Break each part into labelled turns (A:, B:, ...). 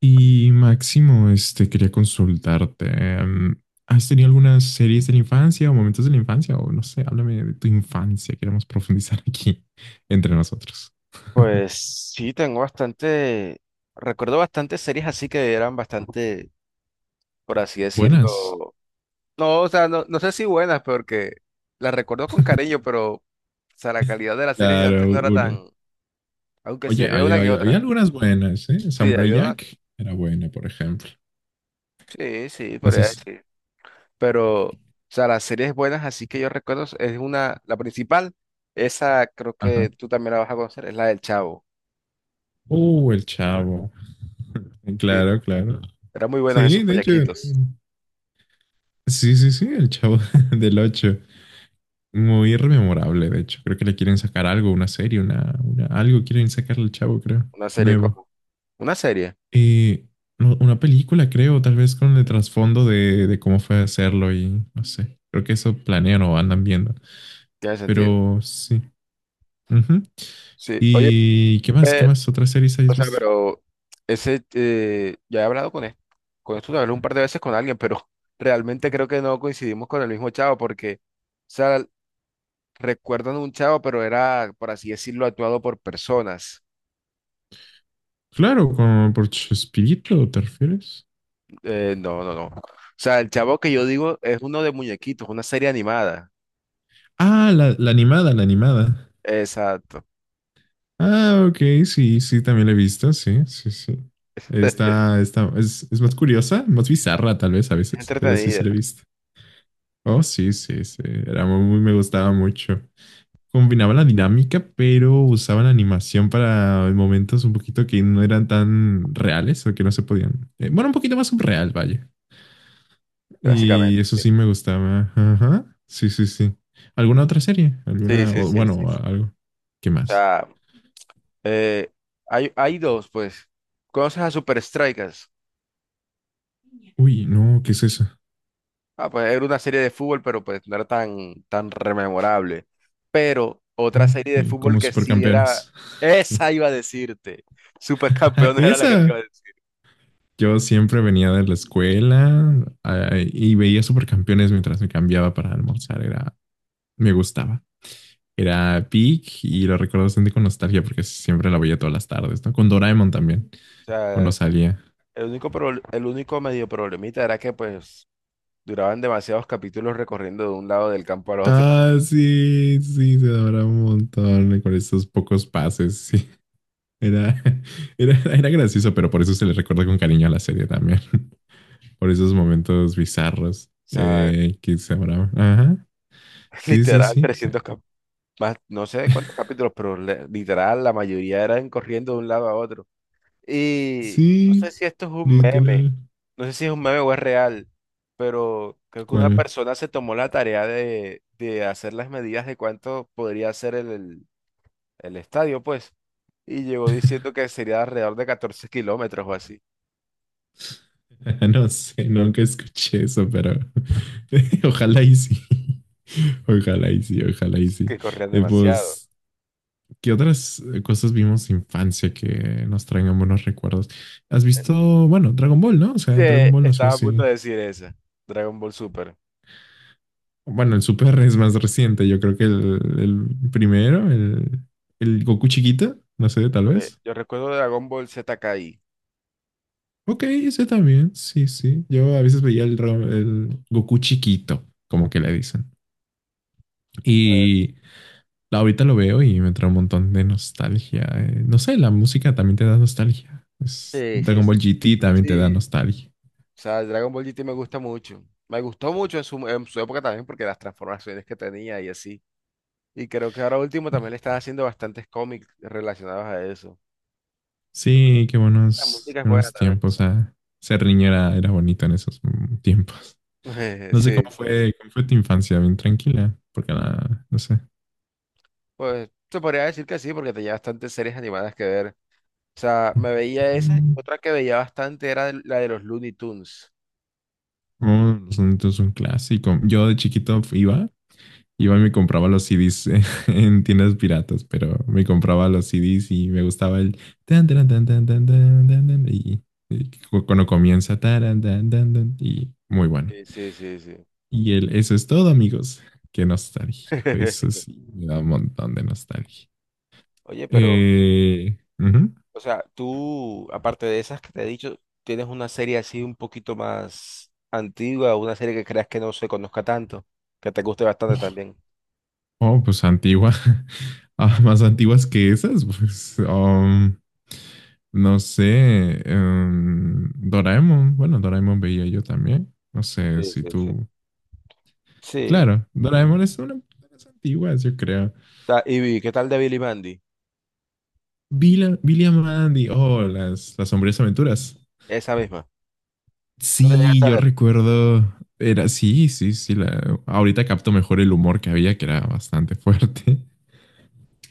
A: Y Máximo, quería consultarte. em, ¿Has tenido algunas series de la infancia o momentos de la infancia? O no sé, háblame de tu infancia. Queremos profundizar aquí entre nosotros.
B: Pues sí, tengo bastante, recuerdo bastantes series así que eran bastante, por así
A: Buenas.
B: decirlo, no, o sea, no, no sé si buenas, porque las recuerdo con cariño, pero, o sea, la calidad de las series de
A: Claro,
B: antes no era
A: una.
B: tan, aunque sí
A: Oye,
B: había una que
A: había
B: otra,
A: algunas buenas, ¿eh?
B: sí,
A: Samurai
B: había una,
A: Jack era buena, por ejemplo.
B: sí, sí, podría
A: Entonces,
B: decir, pero, o sea, las series buenas así que yo recuerdo es una, la principal, esa creo
A: ajá.
B: que tú también la vas a conocer, es la del Chavo,
A: El chavo.
B: sí,
A: Claro, claro.
B: eran muy buenos esos
A: Sí, de hecho.
B: muñequitos,
A: Sí, sí, sí, el chavo del 8. Muy rememorable, de hecho. Creo que le quieren sacar algo, una serie, una algo quieren sacarle al chavo, creo.
B: una serie
A: Nuevo.
B: como, una serie,
A: Eh, no, una película, creo, tal vez con el trasfondo de cómo fue hacerlo y no sé. Creo que eso planean o andan viendo.
B: tiene sentido.
A: Pero sí. Ujú.
B: Sí, oye,
A: ¿Y qué más? ¿Qué
B: pero,
A: más otras series
B: o
A: habéis
B: sea,
A: visto?
B: pero ese, ya he hablado con esto hablé un par de veces con alguien, pero realmente creo que no coincidimos con el mismo chavo, porque, o sea, recuerdan un chavo, pero era, por así decirlo, actuado por personas.
A: Claro, como por Chespirito, ¿te refieres?
B: No, no, no. O sea, el chavo que yo digo es uno de muñequitos, una serie animada.
A: Ah, la animada, la animada.
B: Exacto.
A: Ah, ok, sí, sí, también la he visto, sí, sí, sí. Está, es más curiosa, más bizarra tal vez a
B: Es
A: veces, pero sí
B: entretenida,
A: se la he visto. Oh, sí, sí, sí, era muy, me gustaba mucho. Combinaba la dinámica, pero usaban animación para momentos un poquito que no eran tan reales o que no se podían. Bueno, un poquito más subreal, vaya.
B: básicamente,
A: Y eso
B: sí.
A: sí me gustaba. Ajá, sí, sí, sí. ¿Alguna otra serie?
B: Sí,
A: ¿Alguna,
B: sí,
A: o,
B: sí, sí.
A: bueno,
B: Sí.
A: algo? ¿Qué
B: O
A: más?
B: sea, eh, hay dos, pues. ¿Conoces a Super Strikers?
A: Uy, no, ¿qué es eso?
B: Ah, pues era una serie de fútbol, pero pues no era tan, tan rememorable. Pero otra serie de
A: Ok,
B: fútbol
A: como
B: que sí era,
A: supercampeones.
B: esa iba a decirte. Supercampeones era la que te
A: Esa.
B: iba a decir.
A: Yo siempre venía de la escuela y veía supercampeones mientras me cambiaba para almorzar. Era, me gustaba. Era peak y lo recuerdo bastante con nostalgia porque siempre la veía todas las tardes, ¿no? Con Doraemon también,
B: O
A: cuando
B: sea,
A: salía.
B: el único, el único medio problemita era que pues duraban demasiados capítulos recorriendo de un lado del campo al otro. O
A: Ah, sí, sí, se adoraba un montón con esos pocos pases. Sí, era, era gracioso, pero por eso se le recuerda con cariño a la serie también. Por esos momentos bizarros
B: sea,
A: que se habrá. Ajá. Sí, sí,
B: literal
A: sí.
B: 300 más, no sé cuántos capítulos, pero literal la mayoría eran corriendo de un lado a otro. Y no sé
A: Sí,
B: si esto es un meme,
A: literal.
B: no sé si es un meme o es real, pero creo que una
A: ¿Cuál?
B: persona se tomó la tarea de hacer las medidas de cuánto podría ser el estadio, pues, y llegó diciendo que sería alrededor de 14 kilómetros o así,
A: No sé, nunca escuché eso, pero ojalá y sí. Ojalá y sí, ojalá y sí.
B: que corrían demasiado.
A: Pues, ¿qué otras cosas vimos de infancia que nos traigan buenos recuerdos? ¿Has visto, bueno, Dragon Ball, ¿no? O sea, Dragon Ball, no sé
B: Estaba a
A: si,
B: punto de decir esa, Dragon Ball Super.
A: bueno, el Super es más reciente. Yo creo que el, primero, el Goku chiquito, no sé, tal
B: Pues,
A: vez.
B: yo recuerdo Dragon Ball Z Kai.
A: Ok, ese también, sí, sí. Yo a veces veía el Goku chiquito, como que le dicen. Y ahorita lo veo y me trae un montón de nostalgia. No sé, la música también te da nostalgia.
B: Sí, sí,
A: Dragon
B: sí.
A: Ball GT también te da
B: Sí.
A: nostalgia.
B: O sea, el Dragon Ball GT me gusta mucho. Me gustó mucho en su época también porque las transformaciones que tenía y así. Y creo que ahora último también le están haciendo bastantes cómics relacionados a eso.
A: Sí, qué
B: La
A: buenos,
B: música es buena
A: buenos
B: también.
A: tiempos. Ah. Ser niñera era bonito en esos tiempos.
B: O sea.
A: No sé
B: Sí, sí. Sí.
A: cómo fue tu infancia, bien tranquila, porque nada, no sé.
B: Pues se podría decir que sí porque tenía bastantes series animadas que ver. O sea, me veía esa.
A: Mm.
B: Otra que veía bastante era la de los Looney Tunes.
A: Oh, los sonidos son un clásico. Yo de chiquito iba y me compraba los CDs en tiendas piratas, pero me compraba los CDs y me gustaba el tan tan tan tan tan tan tan tan y cuando comienza taran, tan tan tan y muy bueno.
B: Sí, sí, sí, sí.
A: Y el eso es todo, amigos. Qué nostálgico. Eso sí, me da un montón de nostalgia.
B: Oye, pero...
A: Ujú.
B: O sea, tú, aparte de esas que te he dicho, tienes una serie así un poquito más antigua, una serie que creas que no se conozca tanto, que te guste bastante también.
A: Oh, pues antigua. Ah, más antiguas que esas, pues. No sé. Doraemon. Bueno, Doraemon veía yo también. No sé
B: Sí,
A: si
B: sí, sí.
A: tú.
B: Sí.
A: Claro, Doraemon es una de las antiguas, yo creo.
B: Y vi, ¿qué tal de Billy Mandy?
A: Billy and Mandy. Oh, las sombrías aventuras.
B: Esa misma. ¿Se la
A: Sí,
B: llegaste a
A: yo
B: ver?
A: recuerdo. Era, sí, sí, sí. Ahorita capto mejor el humor que había, que era bastante fuerte.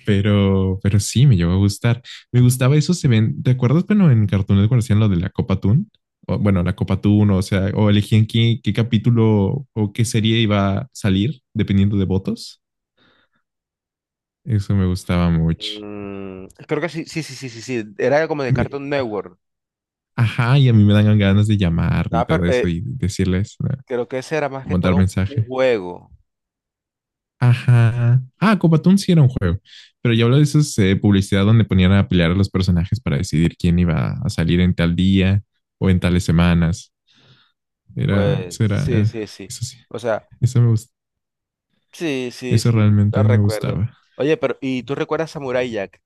A: Pero sí, me llegó a gustar. Me gustaba eso, se ven, ¿te acuerdas cuando en Cartoon Network hacían lo de la Copa Toon? O, bueno, la Copa Toon, o sea, o elegían qué capítulo o qué serie iba a salir, dependiendo de votos. Eso me gustaba mucho.
B: Creo que sí, sí, sí, sí, sí, sí. Era como de
A: Me-
B: Cartoon Network.
A: ajá, y a mí me dan ganas de llamar y
B: Nada, pero
A: todo eso y decirles, ¿no?
B: creo que ese era más que
A: Mandar
B: todo un
A: mensaje.
B: juego.
A: Ajá. Ah, Copa Toon sí era un juego, pero yo hablo de esas publicidad donde ponían a pelear a los personajes para decidir quién iba a salir en tal día o en tales semanas.
B: Pues
A: Era,
B: sí, sí, sí.
A: eso sí,
B: O sea,
A: eso,
B: sí, sí,
A: eso
B: sí,
A: realmente
B: lo
A: me
B: recuerdo.
A: gustaba.
B: Oye, pero ¿y tú recuerdas Samurai Jack?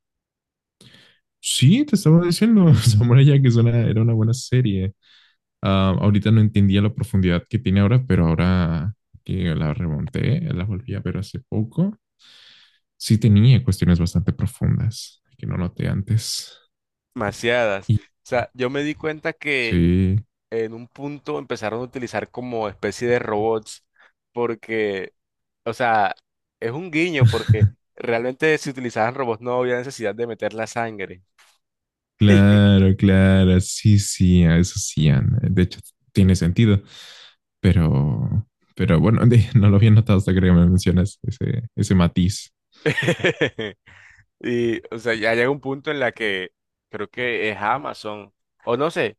A: Sí, te estaba diciendo, Samurai Jack era una buena serie. Ah, ahorita no entendía la profundidad que tiene ahora, pero ahora que la remonté, la volví a ver hace poco, sí tenía cuestiones bastante profundas que no noté antes.
B: Demasiadas.
A: Y
B: O sea, yo me di cuenta que
A: sí,
B: en un punto empezaron a utilizar como especie de robots, porque, o sea, es un guiño, porque realmente si utilizaban robots no había necesidad de meter la sangre.
A: claro, claro, sí, sí, a eso sí, Ana. De hecho, tiene sentido. Pero, pero bueno, no lo había notado hasta que me mencionas ese matiz.
B: Y, o sea, ya llega un punto en la que creo que es Amazon, o no sé,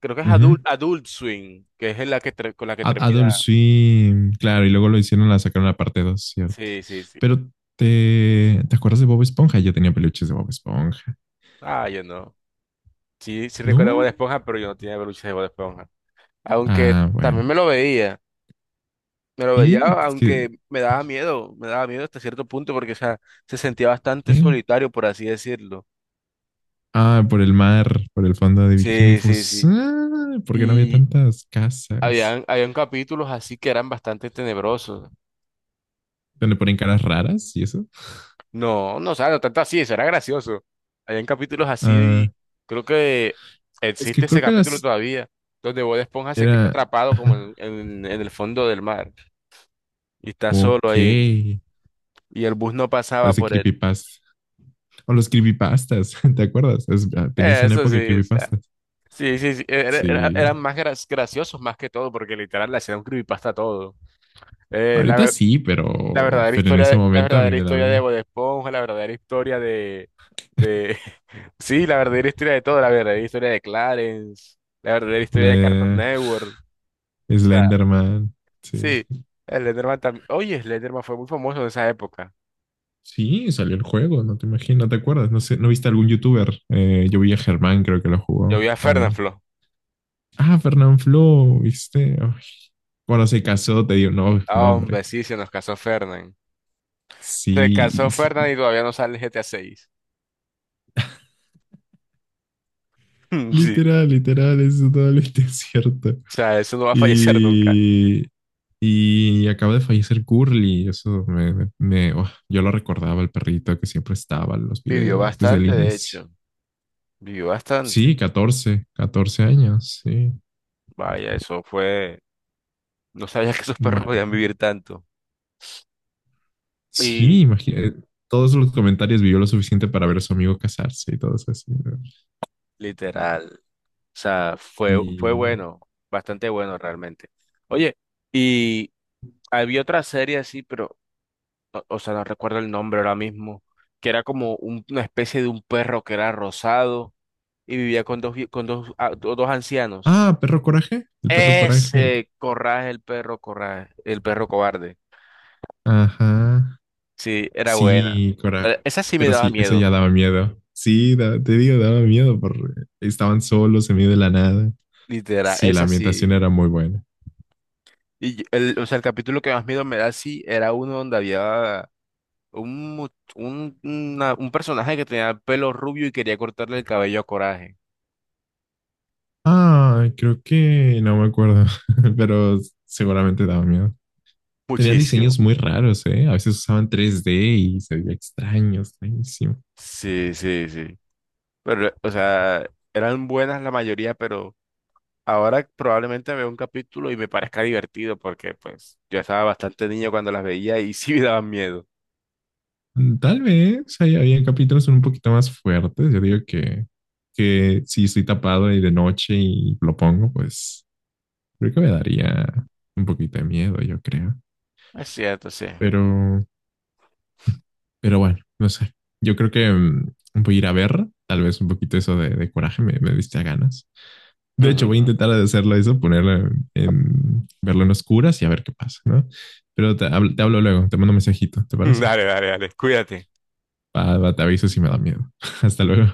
B: creo que es Adult,
A: Ujú.
B: Adult Swim, que es en la que con la que termina.
A: Adult Swim, claro, y luego lo hicieron, la sacaron la parte 2, ¿cierto?
B: Sí, sí, sí.
A: Pero ¿te acuerdas de Bob Esponja? Yo tenía peluches de Bob Esponja.
B: Ah, yo no. Sí, sí recuerdo Bob
A: ¿No?
B: Esponja, pero yo no tenía peluches de Bob Esponja. Aunque
A: Ah,
B: también
A: bueno.
B: me lo veía,
A: Sí, es que,
B: aunque me daba miedo hasta cierto punto porque, o sea, se sentía bastante
A: ¿qué?
B: solitario, por así decirlo.
A: Ah, por el mar, por el fondo de bikini,
B: Sí, sí,
A: pues,
B: sí.
A: ah, porque no había
B: Y
A: tantas casas
B: habían capítulos así que eran bastante tenebrosos.
A: donde ponen caras raras y eso.
B: No, no, o sea, no tanto así, eso era gracioso. Habían capítulos así
A: Ah,
B: y creo que
A: es que
B: existe ese
A: creo que
B: capítulo
A: las
B: todavía, donde Bob Esponja se queda
A: era.
B: atrapado como
A: Ajá.
B: en el fondo del mar y está solo
A: Ok.
B: ahí y el bus no pasaba
A: Parece
B: por él.
A: creepypasta. O los creepypastas, ¿te acuerdas? Tenías una
B: Eso
A: época de
B: sí, o sea,
A: creepypastas.
B: sí, sí, sí,
A: Sí.
B: eran más graciosos más que todo, porque literal le hacían un creepypasta a todo. Eh, la,
A: Ahorita
B: ver-
A: sí,
B: la
A: pero,
B: verdadera
A: en
B: historia,
A: ese
B: la
A: momento a mí
B: verdadera
A: me da
B: historia de
A: miedo.
B: Bob Esponja, la verdadera historia de, de, sí, la verdadera historia de todo, la verdadera historia de Clarence, la verdadera historia de Cartoon
A: Le-
B: Network, o sea,
A: Slenderman. Sí.
B: sí, Slenderman también, oye, Slenderman fue muy famoso en esa época.
A: Sí, salió el juego, no te imaginas, ¿no te acuerdas? No sé, ¿no viste algún youtuber? Yo vi a Germán, creo que lo
B: Yo
A: jugó
B: vi a
A: también.
B: Fernanfloo,
A: Ah, Fernán Flo, ¿viste? Ay. Cuando se casó, te dio no, no,
B: ah,
A: hombre.
B: hombre, sí, se nos casó Fernan, se casó
A: Sí,
B: Fernan y
A: sí.
B: todavía no sale el GTA 6.
A: Literal, literal, eso es totalmente cierto.
B: Sí, o sea, eso no va a fallecer nunca.
A: Y, Y acaba de fallecer Curly, eso oh, yo lo recordaba, el perrito que siempre estaba en los
B: Vivió
A: videos desde el
B: bastante, de
A: inicio.
B: hecho. Vivió bastante.
A: Sí, catorce años, sí.
B: Vaya, eso fue. No sabía que esos perros
A: Mara-
B: podían vivir tanto. Y
A: Sí, imagínate, todos los comentarios, vivió lo suficiente para ver a su amigo casarse y todo eso así, ¿no?
B: literal. O sea, fue, fue
A: Y...
B: bueno. Bastante bueno realmente. Oye, y había otra serie así, pero. O sea, no recuerdo el nombre ahora mismo. Que era como una especie de un perro que era rosado y vivía con dos, con dos, dos ancianos.
A: Ah, perro coraje, el perro coraje.
B: Ese, Corraje, el perro cobarde.
A: Ajá,
B: Sí, era buena.
A: sí, cora...
B: Esa sí me
A: Pero
B: daba
A: sí, eso
B: miedo.
A: ya daba miedo. Sí, te digo, daba miedo porque estaban solos en medio de la nada.
B: Literal,
A: Sí, la
B: es
A: ambientación
B: así.
A: era muy buena.
B: Y el, o sea, el capítulo que más miedo me da, sí, era uno donde había un, mu- un, una- un personaje que tenía pelo rubio y quería cortarle el cabello a Coraje.
A: Ah, creo que no me acuerdo, pero seguramente daba miedo. Tenían
B: Muchísimo.
A: diseños muy raros, ¿eh? A veces usaban 3D y se veía extraño, extrañísimo.
B: Sí, sí, sí. Pero, o sea, eran buenas la mayoría, pero ahora probablemente veo un capítulo y me parezca divertido porque, pues, yo estaba bastante niño cuando las veía y sí me daban miedo.
A: Tal vez ahí había capítulos un poquito más fuertes. Yo digo que, si estoy tapado y de noche y lo pongo, pues creo que me daría un poquito de miedo, yo creo.
B: Es cierto, sí.
A: Pero, pero bueno, no sé. Yo creo que voy a ir a ver, tal vez un poquito eso de coraje me diste a ganas. De hecho, voy a intentar hacerlo eso, ponerlo verlo en oscuras y a ver qué pasa, ¿no? Pero te hablo luego, te mando un mensajito, ¿te parece?
B: Dale, dale, dale, cuídate.
A: Va, va, te aviso si me da miedo. Hasta luego.